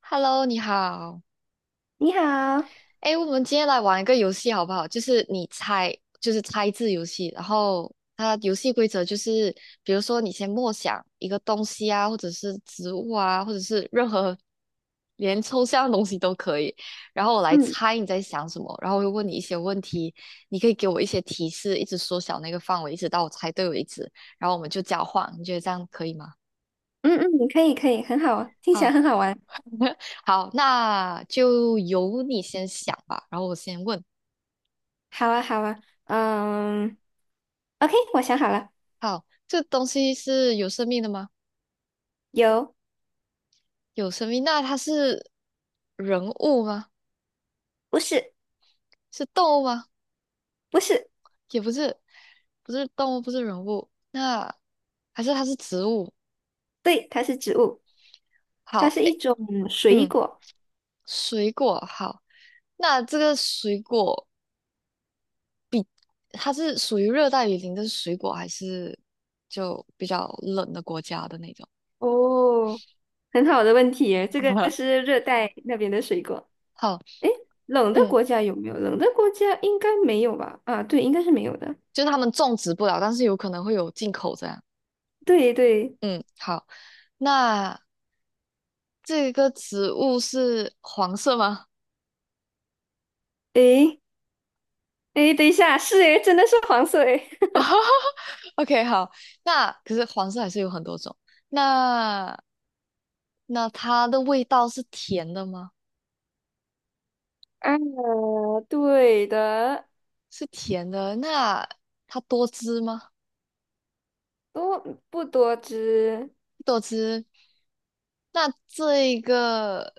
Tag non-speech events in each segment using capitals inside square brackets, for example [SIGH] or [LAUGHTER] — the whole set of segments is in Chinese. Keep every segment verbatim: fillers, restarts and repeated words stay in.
Hello，你好。你好，哎，我们今天来玩一个游戏好不好？就是你猜，就是猜字游戏。然后它游戏规则就是，比如说你先默想一个东西啊，或者是植物啊，或者是任何连抽象的东西都可以。然后我来嗯猜你在想什么，然后我会问你一些问题，你可以给我一些提示，一直缩小那个范围，一直到我猜对为止。然后我们就交换，你觉得这样可以吗？嗯嗯，可以可以，很好，听起来好，很好玩。好，那就由你先想吧，然后我先问。好啊好啊，嗯，OK，我想好了。好，这东西是有生命的吗？有。有生命，那它是人物吗？不是是动物吗？不是。也不是，不是动物，不是人物，那还是它是植物？对，它是植物，它好，是一诶，种水嗯，果。水果，好，那这个水果它是属于热带雨林的水果，还是就比较冷的国家的那种？哦，很好的问题耶，这个 [LAUGHS] 是热带那边的水果。好，诶，冷的嗯，国家有没有？冷的国家应该没有吧？啊，对，应该是没有的。就是他们种植不了，但是有可能会有进口这样。对对，嗯，好，那。这个植物是黄色吗 诶诶，等一下，是诶，真的是黄色诶。[LAUGHS]？OK，好，那可是黄色还是有很多种。那那它的味道是甜的吗？啊，对的。是甜的。那它多汁吗？多不多汁多汁。那这个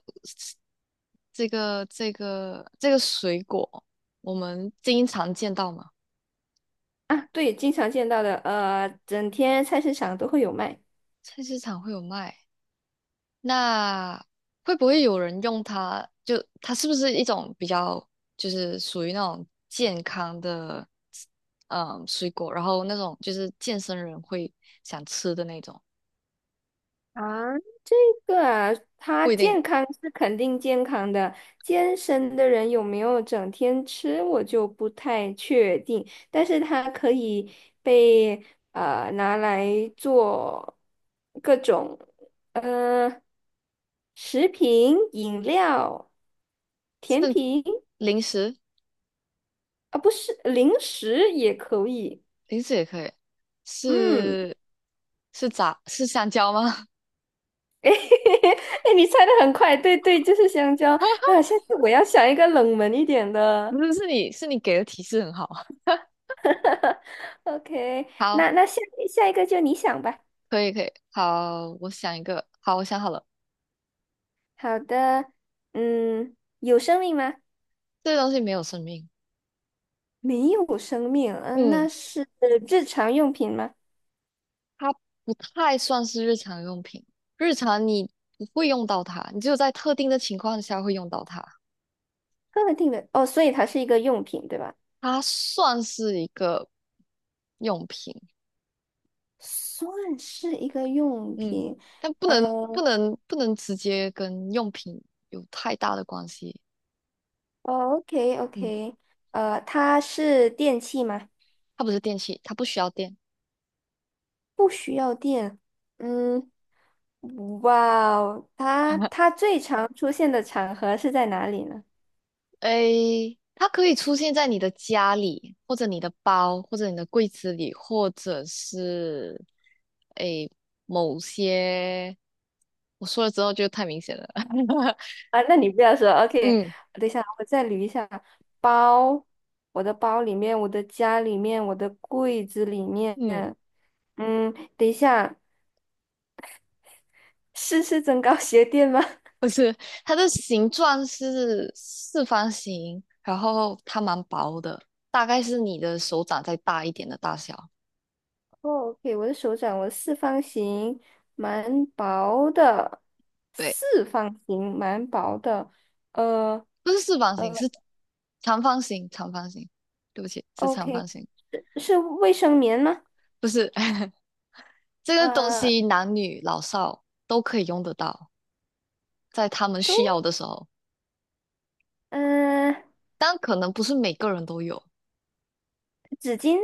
这个这个这个水果，我们经常见到吗？啊？对，经常见到的，呃，整天菜市场都会有卖菜市场会有卖。那会不会有人用它？就它是不是一种比较，就是属于那种健康的，嗯，水果，然后那种就是健身人会想吃的那种，啊。这个啊，它不一定，健康是肯定健康的，健身的人有没有整天吃，我就不太确定。但是它可以被呃拿来做各种呃食品、饮料、甜是品。零食，啊，不是零食也可以，零食也可以，嗯。是是咋是香蕉吗？[LAUGHS] 哎，你猜的很快，对对，就是香蕉 [LAUGHS] 啊！下次我要想一个冷门一点不的。是，是你是你给的提示很好，OK，[LAUGHS] 好，那那下下一个就你想吧。可以可以，好，我想一个，好，我想好了，好的，嗯，有生命吗？这个东西没有生命，没有生命，嗯、嗯，那是日常用品吗？它不太算是日常用品，日常你不会用到它，你只有在特定的情况下会用到它。特定的哦，所以它是一个用品，对吧？它算是一个用品，算是一个用嗯，品，但不嗯、能不哦能不能直接跟用品有太大的关系，，OK 嗯，OK，呃，它是电器吗？它不是电器，它不需要电。不需要电，嗯。哇哦，它 [LAUGHS] 它最常出现的场合是在哪里呢？诶，它可以出现在你的家里，或者你的包，或者你的柜子里，或者是诶某些，我说了之后就太明显了。[LAUGHS] 啊，那你不要说，OK，嗯等一下，我再捋一下。包，我的包里面，我的家里面，我的柜子里面。嗯，嗯，等一下，是是增高鞋垫吗？[LAUGHS] 不是，它的形状是四方形，然后它蛮薄的，大概是你的手掌再大一点的大小。哦，OK，我的手掌，我的四方形，蛮薄的，对，四方形蛮薄的。呃不是四方形，呃是长方形，长方形。对不起，是长，OK，方形，是是卫生棉吗？不是。[LAUGHS] 这个东呃。西男女老少都可以用得到，在他们都。需要的时候，嗯、但可能不是每个人都有，纸巾。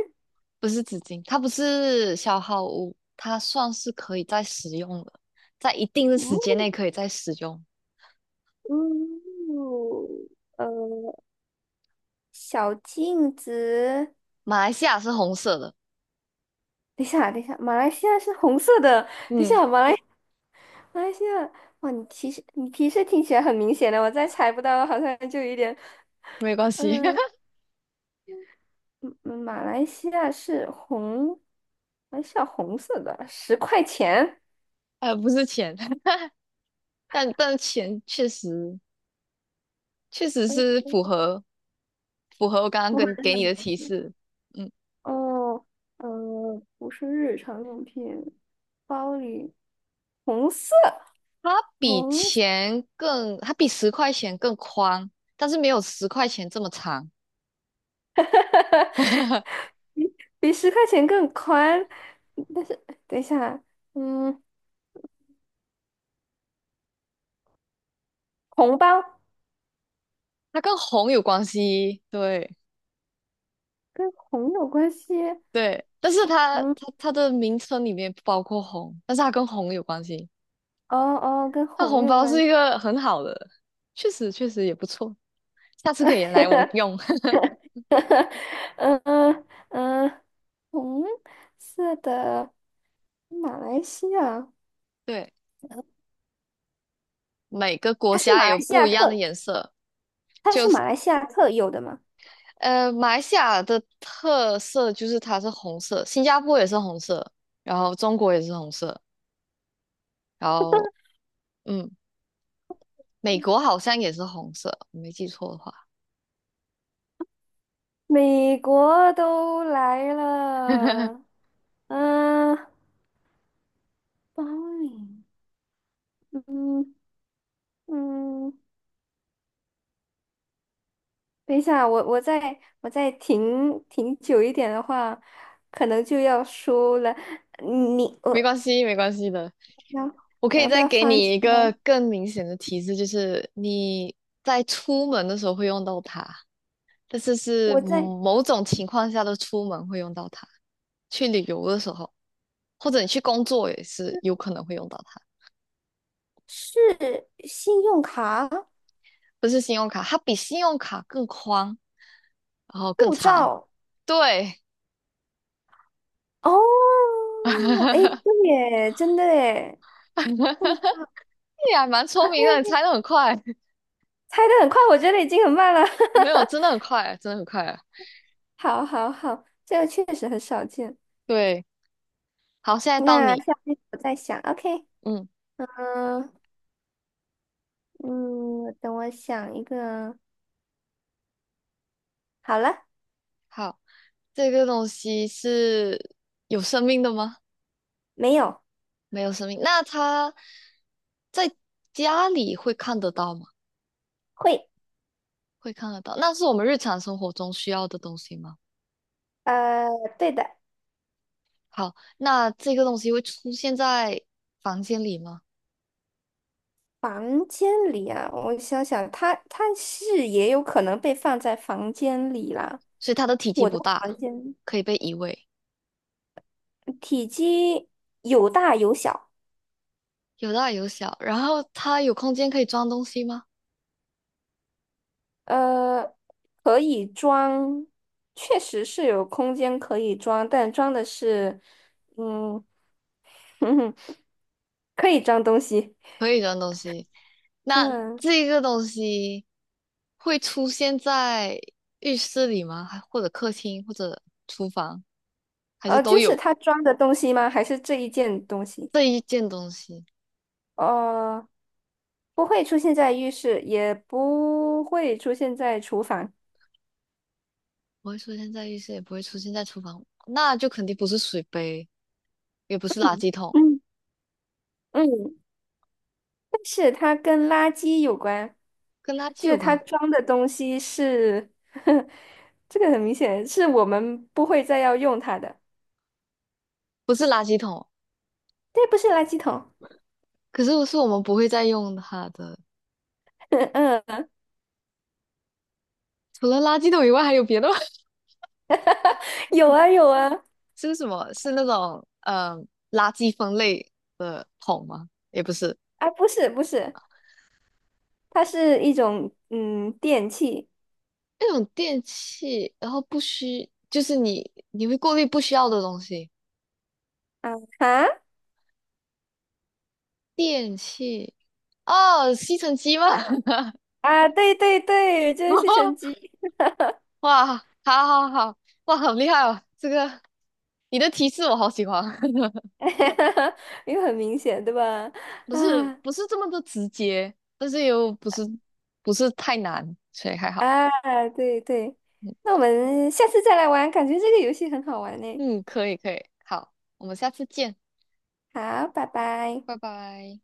不是纸巾，它不是消耗物，它算是可以再使用的，在一定的时间嗯内可以再使用。嗯，呃，小镜子。马来西亚是红色的，等一下，等一下，马来西亚是红色的。等一嗯，下，马来马来西亚，哇，你提示你提示听起来很明显的，我再猜不到，好像就有一点，没关系，嗯、[LAUGHS] 嗯嗯，马来西亚是红，还是西亚红色的，十块钱，呃，不是钱，[LAUGHS] 但但钱确实确实是符合符合我刚刚不合跟真给的你的描提述。示，嗯。哦，呃，不是日常用品，包里红色，它比红色。钱更，它比十块钱更宽，但是没有十块钱这么长。[LAUGHS] [LAUGHS] 比十块钱更宽，但是等一下，嗯，红包它跟红有关系，对跟红有关系。对，但是它嗯，它它的名称里面不包括红，但是它跟红有关系。哦哦，跟它红红有包关是一系。个很好的，确实确实也不错，下次可以来我用。[LAUGHS] [LAUGHS] 嗯嗯嗯，红色的马来西亚，对，每个国它是家马有来西不亚一特，样的颜色。它是马来西亚特有的吗？呃，马来西亚的特色就是它是红色，新加坡也是红色，然后中国也是红色，然后嗯，美国好像也是红色，我没记错的话。美国都来 [LAUGHS] 了，嗯，包里，嗯嗯。等一下，我我再我再停停久一点的话，可能就要输了。嗯你没我关系，没关系的。要我可我以要不再要给放你弃一个呢？更明显的提示，就是你在出门的时候会用到它，但是是我在某种情况下的出门会用到它，去旅游的时候，或者你去工作也是有可能会用到它。是信用卡、不是信用卡，它比信用卡更宽，然后更护长。照。对，哦，哎，[LAUGHS] 对耶，真的耶，护照。 你还蛮聪明的，[LAUGHS] 你猜的很快。猜的很快，我觉得已经很慢了。没有，真的很快，真的很快。[LAUGHS] 好好好，这个确实很少见。对，好，现在到那你。下面我再想，OK，嗯，嗯嗯，等我想一个。好了。好，这个东西是有生命的吗？没有。没有生命。那它在家里会看得到吗？会。会看得到。那是我们日常生活中需要的东西吗？呃，对的。好，那这个东西会出现在房间里吗？房间里啊，我想想，它它是也有可能被放在房间里啦。所以它的体积我的不房大，间可以被移位，体积有大有小，有大有小。然后它有空间可以装东西吗？呃，可以装，确实是有空间可以装，但装的是，嗯，[LAUGHS] 可以装东西。可以装东西。那嗯，这个东西会出现在浴室里吗？还或者客厅，或者厨房，还是呃，都就是有它装的东西吗？还是这一件东西？这一件东西？呃，不会出现在浴室，也不会出现在厨房。不会出现在浴室，也不会出现在厨房，那就肯定不是水杯，也不是垃嗯圾桶，嗯，嗯，但是它跟垃圾有关，跟垃圾就是有它关，装的东西是，[LAUGHS] 这个很明显是我们不会再要用它的。不是垃圾桶。对，不是垃圾桶。可是是我们不会再用它的，[LAUGHS] 嗯，除了垃圾桶以外，还有别的吗？有 [LAUGHS] 啊有啊。是什么？是那种呃垃圾分类的桶吗？也不是。啊，不是不是，它是一种嗯电器。那种电器，然后不需，就是你你会过滤不需要的东西。啊啊电器，哦，吸尘机吗？[LAUGHS] 啊，对对对，就是吸尘机。哇，好好好，哇，好厉害哦！这个你的提示我好喜欢，[LAUGHS] [LAUGHS] 因为很明显对吧？不是啊不是这么的直接，但是又不是不是太难，所以还好。啊，对对，嗯，那我们下次再来玩，感觉这个游戏很好玩呢。嗯可以可以，好，我们下次见，好，拜拜。拜拜。